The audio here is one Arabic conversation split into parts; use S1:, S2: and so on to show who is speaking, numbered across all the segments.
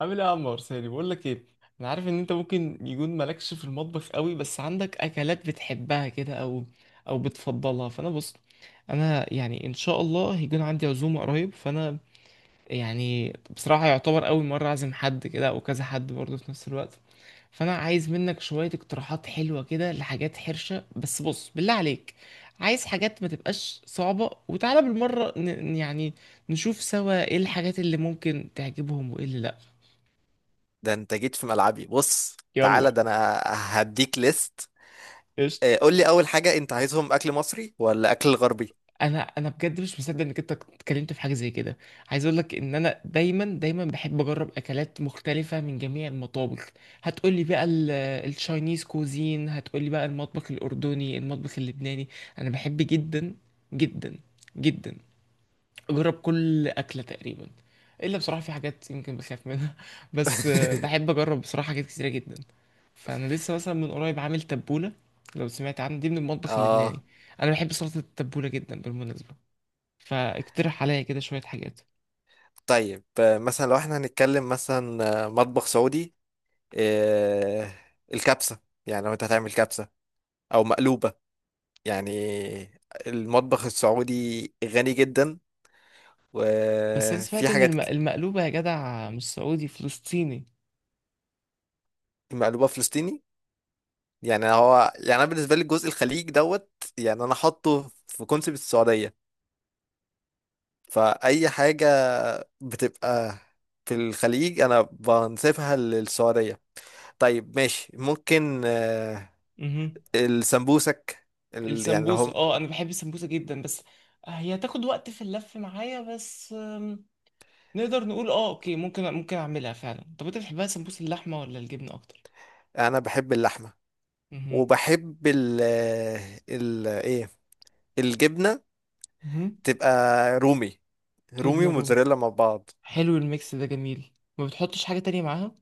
S1: عامل ايه يا عمار ساري، بقول لك ايه؟ انا عارف ان انت ممكن يكون مالكش في المطبخ قوي، بس عندك اكلات بتحبها كده او بتفضلها، فانا بص. انا يعني ان شاء الله هيكون عندي عزومه قريب، فانا يعني بصراحه يعتبر اول مره اعزم حد كده او كذا حد برضه في نفس الوقت. فانا عايز منك شويه اقتراحات حلوه كده لحاجات حرشه، بس بص بالله عليك، عايز حاجات ما تبقاش صعبه، وتعالى بالمره يعني نشوف سوا ايه الحاجات اللي ممكن تعجبهم وايه اللي لا.
S2: ده انت جيت في ملعبي، بص
S1: يلا.
S2: تعالى، ده انا هديك ليست.
S1: قشطة.
S2: آه، قول لي اول حاجة، انت عايزهم اكل مصري ولا اكل غربي؟
S1: انا بجد مش مصدق انك انت اتكلمت في حاجه زي كده. عايز اقول لك ان انا دايما دايما بحب اجرب اكلات مختلفه من جميع المطابخ. هتقول لي بقى التشاينيز كوزين، هتقول لي بقى المطبخ الاردني، المطبخ اللبناني. انا بحب جدا جدا جدا، جرب كل أكلة تقريبا، إلا بصراحة في حاجات يمكن بخاف منها بس بحب أجرب بصراحة حاجات كتيرة جدا. فأنا لسه مثلا من قريب عامل تبولة، لو سمعت عنها دي من المطبخ اللبناني.
S2: اه،
S1: أنا بحب سلطة التبولة جدا بالمناسبة، فاقترح عليا كده شوية حاجات.
S2: طيب آه، مثلا لو احنا هنتكلم مثلا آه، مطبخ سعودي، آه، الكبسة. يعني لو انت هتعمل كبسة او مقلوبة، يعني المطبخ السعودي غني جدا،
S1: بس أنا
S2: وفي
S1: سمعت إن
S2: حاجات ك-.
S1: المقلوبة يا جدع مش سعودي، فلسطيني.
S2: مقلوبة فلسطيني، يعني هو يعني انا بالنسبة لي جزء الخليج دوت، يعني انا حاطه في كونسيبت السعودية، فأي حاجة بتبقى في الخليج أنا بنسيبها للسعودية. طيب ماشي، ممكن آه،
S1: امم.
S2: السمبوسك، ال... يعني لو
S1: السمبوسة،
S2: هم.
S1: اه أنا بحب السمبوسة جدا، بس هي تاخد وقت في اللف معايا. بس نقدر نقول اه اوكي، ممكن اعملها فعلا. طب انت بتحبها سمبوسة اللحمة ولا الجبنة اكتر؟
S2: أنا بحب اللحمة،
S1: امم.
S2: وبحب ال... آه، ال... إيه، الجبنة.
S1: مهم.
S2: تبقى رومي، رومي
S1: جبنة رومي.
S2: وموتزاريلا مع بعض.
S1: حلو، الميكس ده جميل، ما بتحطش حاجة تانية معاها؟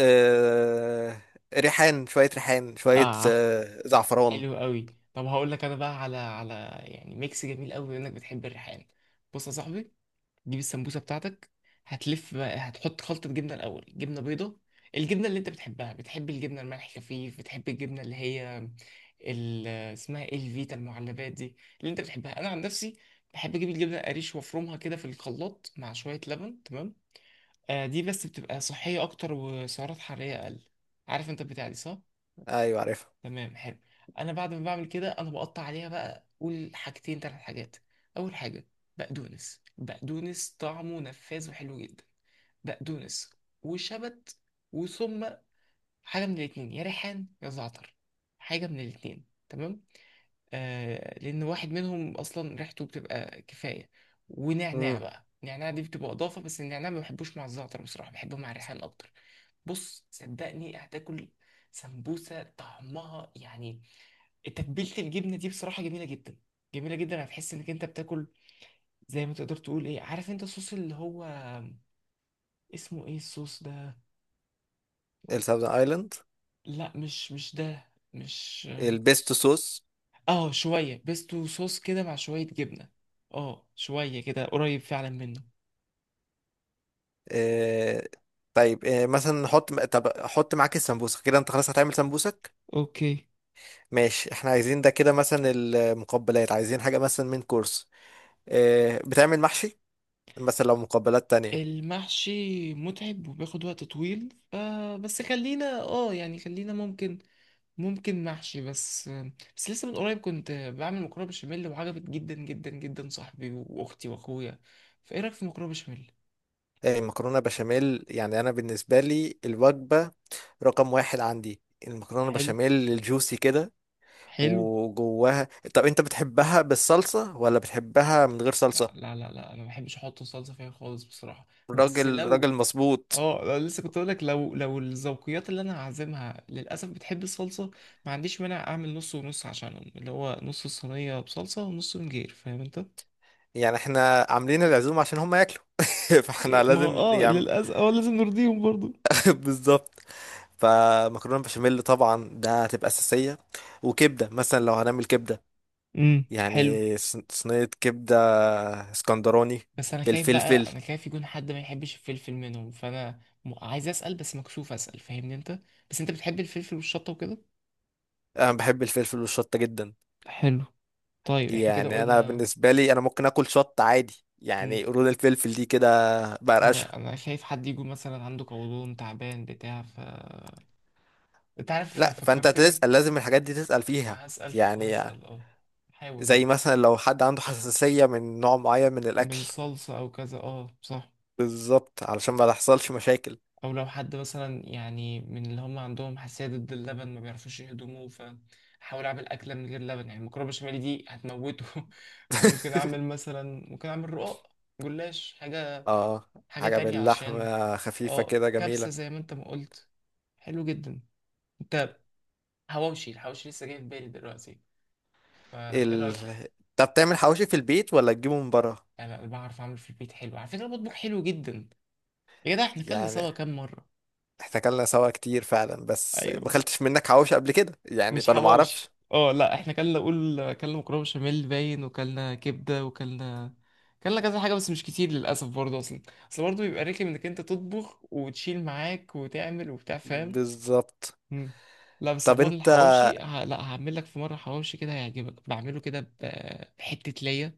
S2: آه، ريحان، شوية ريحان، شوية
S1: اه،
S2: آه، زعفران.
S1: حلو قوي. طب هقول لك انا بقى على يعني ميكس جميل قوي انك بتحب الريحان. بص يا صاحبي، تجيب السمبوسه بتاعتك، هتحط خلطه جبنه الاول، جبنه بيضه، الجبنه اللي انت بتحبها، بتحب الجبنه الملح خفيف، بتحب الجبنه اللي هي اسمها ايه؟ الفيتا المعلبات دي اللي انت بتحبها. انا عن نفسي بحب اجيب الجبنه القريش وافرمها كده في الخلاط مع شويه لبن، تمام؟ آه، دي بس بتبقى صحيه اكتر وسعرات حراريه اقل. عارف انت البتاع دي، صح؟
S2: أيوة عارفها.
S1: تمام، حلو. انا بعد ما بعمل كده، انا بقطع عليها بقى، قول حاجتين ثلاث حاجات. اول حاجه، بقدونس. بقدونس طعمه نفاذ وحلو جدا. بقدونس وشبت، وثم حاجه من الاتنين، يا ريحان يا زعتر. حاجه من الاتنين، تمام. آه، لان واحد منهم اصلا ريحته بتبقى كفايه. ونعناع
S2: مم.
S1: بقى، النعناع دي بتبقى اضافه، بس النعناع ما بحبوش مع الزعتر بصراحه، بحبه مع الريحان اكتر. بص صدقني، هتاكل سمبوسه طعمها يعني، تتبيله الجبنه دي بصراحه جميله جدا، جميله جدا، هتحس انك انت بتاكل زي ما تقدر تقول ايه، عارف انت الصوص اللي هو اسمه ايه الصوص ده؟
S2: الساوزن ايلاند.
S1: لا، مش ده. مش.
S2: البيستو صوص.
S1: اه شويه بيستو صوص كده مع شويه جبنه، اه شويه كده قريب فعلا منه.
S2: آه، طيب آه، مثلا نحط، طب احط معاك السمبوسه كده، انت خلاص هتعمل سمبوسك.
S1: اوكي.
S2: ماشي، احنا عايزين ده كده مثلا المقبلات، عايزين حاجه مثلا من كورس آه، بتعمل محشي مثلا، لو مقبلات تانية.
S1: المحشي متعب وبياخد وقت طويل. آه بس خلينا اه يعني خلينا ممكن، محشي. بس لسه من قريب كنت بعمل مكرونه بشاميل وعجبت جدا جدا جدا صاحبي واختي واخويا، فايه رايك في مكرونه بشاميل؟
S2: آه، مكرونه بشاميل، يعني انا بالنسبه لي الوجبه رقم واحد عندي المكرونه
S1: حلو،
S2: بشاميل الجوسي كده
S1: حلو.
S2: وجواها. طب انت بتحبها بالصلصه ولا بتحبها من غير
S1: لا،
S2: صلصه؟
S1: لا، لا، لا. انا ما بحبش احط صلصه فيها خالص بصراحه. بس
S2: راجل
S1: لو،
S2: راجل، مظبوط.
S1: اه لا، لسه كنت اقول لك، لو الذوقيات اللي انا هعزمها للاسف بتحب الصلصه، ما عنديش مانع اعمل نص ونص عشانهم، اللي هو نص الصينيه بصلصه ونص من غير، فاهم انت؟
S2: يعني احنا عاملين العزومة عشان هم ياكلوا، فاحنا
S1: إيه، ما هو
S2: لازم
S1: اه
S2: يعني.
S1: للاسف اه لازم نرضيهم برضو.
S2: بالظبط. فمكرونة بشاميل طبعا ده هتبقى أساسية، وكبدة مثلا لو هنعمل كبدة،
S1: امم، حلو.
S2: يعني صينية كبدة اسكندراني
S1: بس انا خايف
S2: بالفلفل.
S1: بقى، انا خايف يكون حد ما يحبش الفلفل منهم، فانا عايز اسال بس مكسوف اسال، فاهمني انت؟ بس انت بتحب الفلفل والشطه وكده؟
S2: أنا بحب الفلفل والشطة جدا.
S1: حلو. طيب احنا كده
S2: يعني أنا
S1: قلنا.
S2: بالنسبة لي أنا ممكن آكل شطة عادي،
S1: مم.
S2: يعني قرود الفلفل دي كده
S1: ما انا
S2: بقرقشها.
S1: انا خايف حد يكون مثلا عنده قولون تعبان بتاع، ف انت عارف
S2: لا فأنت
S1: فكرتني.
S2: تسأل، لازم الحاجات دي تسأل فيها،
S1: هسال
S2: يعني
S1: هسال اه. حاول
S2: زي
S1: برضه.
S2: مثلا لو حد عنده حساسية من نوع معين من الأكل.
S1: من صلصه او كذا، اه صح.
S2: بالظبط، علشان ما تحصلش مشاكل.
S1: او لو حد مثلا يعني من اللي هم عندهم حساسيه ضد اللبن، ما بيعرفوش يهضموه، فحاول اعمل اكله من غير لبن يعني، المكرونه بشاميل دي هتموته فممكن اعمل مثلا، ممكن اعمل رقاق، جلاش، حاجه،
S2: اه،
S1: حاجه
S2: حاجة
S1: تانية عشان.
S2: باللحمة خفيفة
S1: اه
S2: كده
S1: كبسه
S2: جميلة.
S1: زي ما انت ما قلت، حلو جدا. انت، حواوشي. الحواوشي لسه جاي في بالي دلوقتي، فايه
S2: ال...
S1: رايك؟
S2: طب بتعمل حواوشي في البيت ولا تجيبه من بره؟
S1: يعني انا بعرف اعمل في البيت حلو على فكره، بطبخ حلو جدا. يا جدع احنا كلنا
S2: يعني
S1: سوا كام مره.
S2: احنا اكلنا سوا كتير فعلا، بس ما
S1: ايوه.
S2: اكلتش منك حواوشي قبل كده يعني،
S1: مش
S2: فانا ما
S1: حواوشي،
S2: اعرفش.
S1: اه لا احنا كلنا، قول، كلنا مكرونه بشاميل باين، وكلنا كبده، وكلنا كذا حاجه، بس مش كتير للاسف برضه اصلا. اصل برضه بيبقى رخم انك انت تطبخ وتشيل معاك وتعمل وبتاع، فاهم؟
S2: بالظبط.
S1: مم. لا بس
S2: طب
S1: عموما
S2: انت.
S1: الحواوشي لا، هعمل لك في مره حواوشي كده هيعجبك، بعمله كده بحته ليا.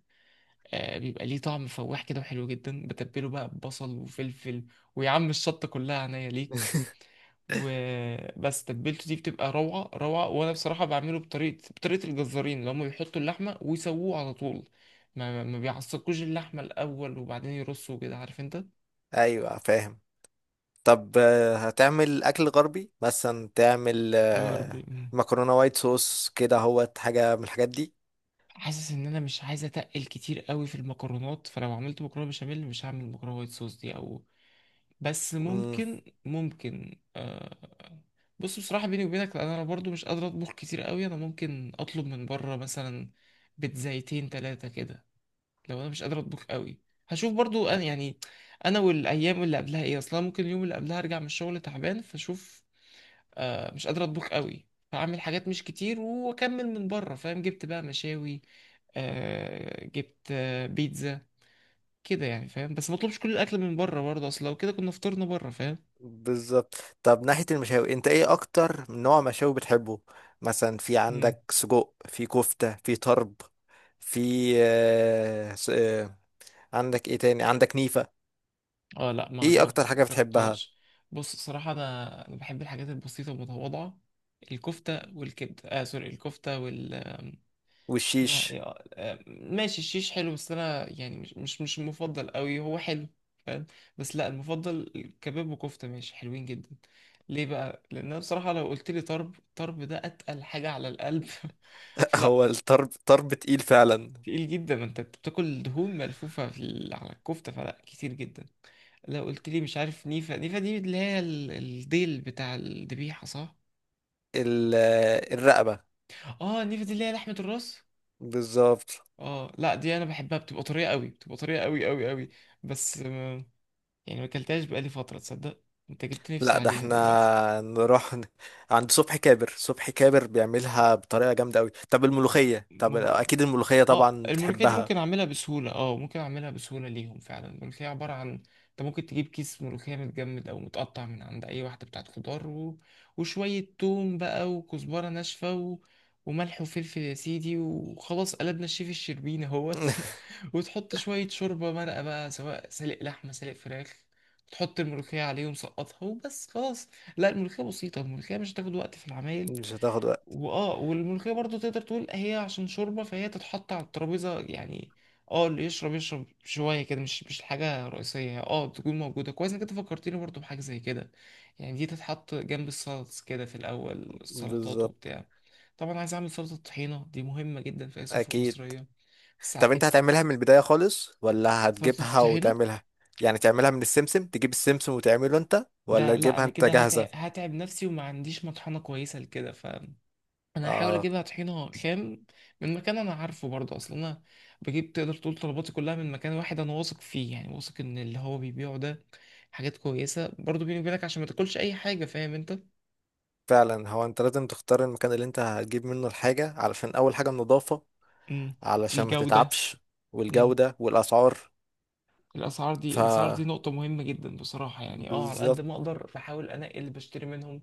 S1: آه، بيبقى ليه طعم فواح كده وحلو جدا، بتبله بقى ببصل وفلفل، ويا عم الشطه كلها عينيا ليك. وبس تتبيلته دي بتبقى روعة روعة، وأنا بصراحة بعمله بطريقة الجزارين اللي هم بيحطوا اللحمة ويسووه على طول، ما بيعصقوش اللحمة الأول وبعدين يرصوا كده، عارف أنت؟
S2: ايوه فاهم. طب آه، هتعمل اكل غربي، مثلا تعمل
S1: يا
S2: آه،
S1: ربي. مم.
S2: مكرونة وايت صوص كده، هو حاجة من الحاجات دي.
S1: حاسس إن أنا مش عايز أتقل كتير قوي في المكرونات، فلو عملت مكرونة بشاميل مش هعمل مكرونة وايت صوص دي، أو، بس
S2: مم.
S1: ممكن آه. بص بصراحة بيني وبينك، لأن أنا برضو مش قادر أطبخ كتير قوي، أنا ممكن أطلب من بره مثلا بيتزايتين تلاتة كده، لو انا مش قادر اطبخ قوي. هشوف برضو انا يعني، انا والايام اللي قبلها ايه اصلا، ممكن اليوم اللي قبلها ارجع من الشغل تعبان، فاشوف آه مش قادر اطبخ قوي، فاعمل حاجات مش كتير واكمل من بره، فاهم؟ جبت بقى مشاوي، آه جبت آه بيتزا كده يعني، فاهم؟ بس ما اطلبش كل الاكل من بره برضه، اصل لو كده كنا فطرنا بره، فاهم؟
S2: بالظبط. طب ناحية المشاوي، انت ايه اكتر نوع مشاوي بتحبه؟ مثلا في
S1: امم.
S2: عندك سجق، في كفتة، في طرب، في آه، عندك ايه تاني؟ عندك نيفة.
S1: اه لا ما
S2: ايه اكتر
S1: جربت، ما
S2: حاجة بتحبها؟
S1: جربتهاش. بص الصراحه انا بحب الحاجات البسيطه المتواضعه، الكفته والكبده، اه سوري، الكفته وال، اسمها
S2: والشيش.
S1: ايه؟ آه، آه، ماشي الشيش حلو، بس انا يعني مش المفضل قوي، هو حلو، فاهم؟ بس لا، المفضل كباب وكفته، ماشي، حلوين جدا. ليه بقى؟ لان انا بصراحه لو قلت لي طرب، طرب ده اتقل حاجه على القلب
S2: هو
S1: فلا.
S2: الطرب طرب تقيل فعلا.
S1: تقيل جدا، ما انت بتاكل دهون ملفوفه في على الكفته، فلا كتير جدا. لو قلت لي مش عارف نيفه، نيفه دي اللي هي الديل بتاع الذبيحه، صح؟
S2: ال- آه، الرقبة.
S1: اه نيفه دي اللي هي لحمه الراس؟
S2: بالظبط.
S1: اه لا دي انا بحبها، بتبقى طريه قوي، بتبقى طريه قوي قوي قوي. بس آه، يعني ما اكلتهاش بقالي فتره، تصدق؟ انت جبت نفسي
S2: لا ده
S1: عليها دلوقتي.
S2: احنا نروح عند صبحي كابر، صبحي كابر بيعملها بطريقة جامدة قوي. طب الملوخية، طب
S1: ممكن.
S2: اكيد الملوخية
S1: اه
S2: طبعا
S1: الملوخية دي
S2: بتحبها.
S1: ممكن اعملها بسهولة، اه ممكن اعملها بسهولة ليهم فعلا. الملوخية عبارة عن، انت ممكن تجيب كيس ملوخية متجمد او متقطع من عند اي واحدة بتاعت خضار وشوية توم بقى وكزبرة ناشفة وملح وفلفل يا سيدي، وخلاص قلبنا الشيف الشربيني اهوت وتحط شوية شوربة مرقة بقى، سواء سلق لحمة سلق فراخ، تحط الملوخية عليهم سقطها وبس خلاص. لا الملوخية بسيطة، الملوخية مش هتاخد وقت في العمايل.
S2: مش هتاخد.
S1: واه والملوخية برضو تقدر تقول هي عشان شوربة، فهي تتحط على الترابيزة يعني، اه اللي يشرب يشرب شوية كده، مش حاجة رئيسية، اه تكون موجودة كويس، انك انت فكرتني برضو بحاجة زي كده. يعني دي تتحط جنب السلطس كده في الأول، السلطات
S2: بالظبط.
S1: وبتاع. طبعا عايز أعمل سلطة طحينة، دي مهمة جدا في أي سفرة
S2: اكيد.
S1: مصرية. بس
S2: طب انت هتعملها من البداية خالص ولا
S1: سلطة
S2: هتجيبها
S1: الطحينة؟
S2: وتعملها؟ يعني تعملها من السمسم، تجيب السمسم وتعمله انت،
S1: ده
S2: ولا
S1: لا،
S2: تجيبها
S1: أنا
S2: انت
S1: كده
S2: جاهزة؟
S1: هتعب نفسي، وما عنديش مطحنة كويسة لكده. انا هحاول
S2: اه.
S1: اجيبها طحينه خام من مكان انا عارفه برضه اصلا، انا بجيب، تقدر تقول طلباتي كلها من مكان واحد انا واثق فيه، يعني واثق ان اللي هو بيبيعه ده حاجات كويسه برضه بيني وبينك، عشان ما تاكلش اي حاجه، فاهم انت؟
S2: فعلا، هو انت لازم تختار المكان اللي انت هتجيب منه الحاجة، علشان اول حاجة النظافة،
S1: امم.
S2: علشان ما
S1: الجوده.
S2: تتعبش.
S1: امم.
S2: والجودة والاسعار.
S1: الاسعار دي
S2: ف
S1: الاسعار دي نقطه مهمه جدا بصراحه، يعني اه على قد
S2: بالظبط.
S1: ما اقدر بحاول انقي اللي بشتري منهم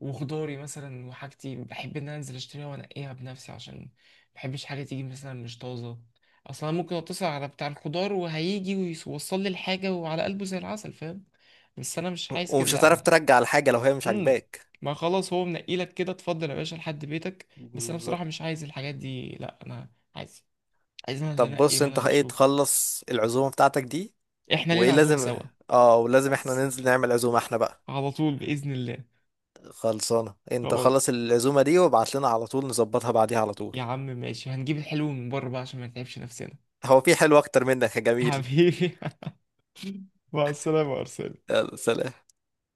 S1: وخضاري مثلا وحاجتي. بحب ان انا انزل اشتريها وانقيها بنفسي، عشان ما بحبش حاجه تيجي مثلا مش طازه. اصلا ممكن اتصل على بتاع الخضار وهيجي ويوصل لي الحاجه وعلى قلبه زي العسل، فاهم؟ بس انا مش عايز كده،
S2: ومش
S1: لا
S2: هتعرف
S1: انا.
S2: ترجع الحاجة لو هي مش
S1: امم.
S2: عاجباك.
S1: ما خلاص هو منقي لك كده، اتفضل يا باشا لحد بيتك. بس انا
S2: بالظبط.
S1: بصراحه مش عايز الحاجات دي، لا انا عايز، عايز انا اللي
S2: طب
S1: انقي
S2: بص
S1: وانا
S2: انت
S1: اللي
S2: ايه
S1: اشوف.
S2: تخلص العزومة بتاعتك دي،
S1: احنا
S2: وايه
S1: لينا عزومه سوا.
S2: لازم. اه، ولازم احنا
S1: بس
S2: ننزل نعمل عزومة احنا بقى.
S1: على طول باذن الله.
S2: خلصانة، انت
S1: خلاص.
S2: خلص العزومة دي وابعت لنا على طول نظبطها بعديها على طول.
S1: يا عم ماشي، هنجيب الحلو من بره بقى عشان ما نتعبش نفسنا.
S2: هو في حلو اكتر منك يا جميل؟
S1: حبيبي. مع السلامة، أرسل.
S2: يلا سلام.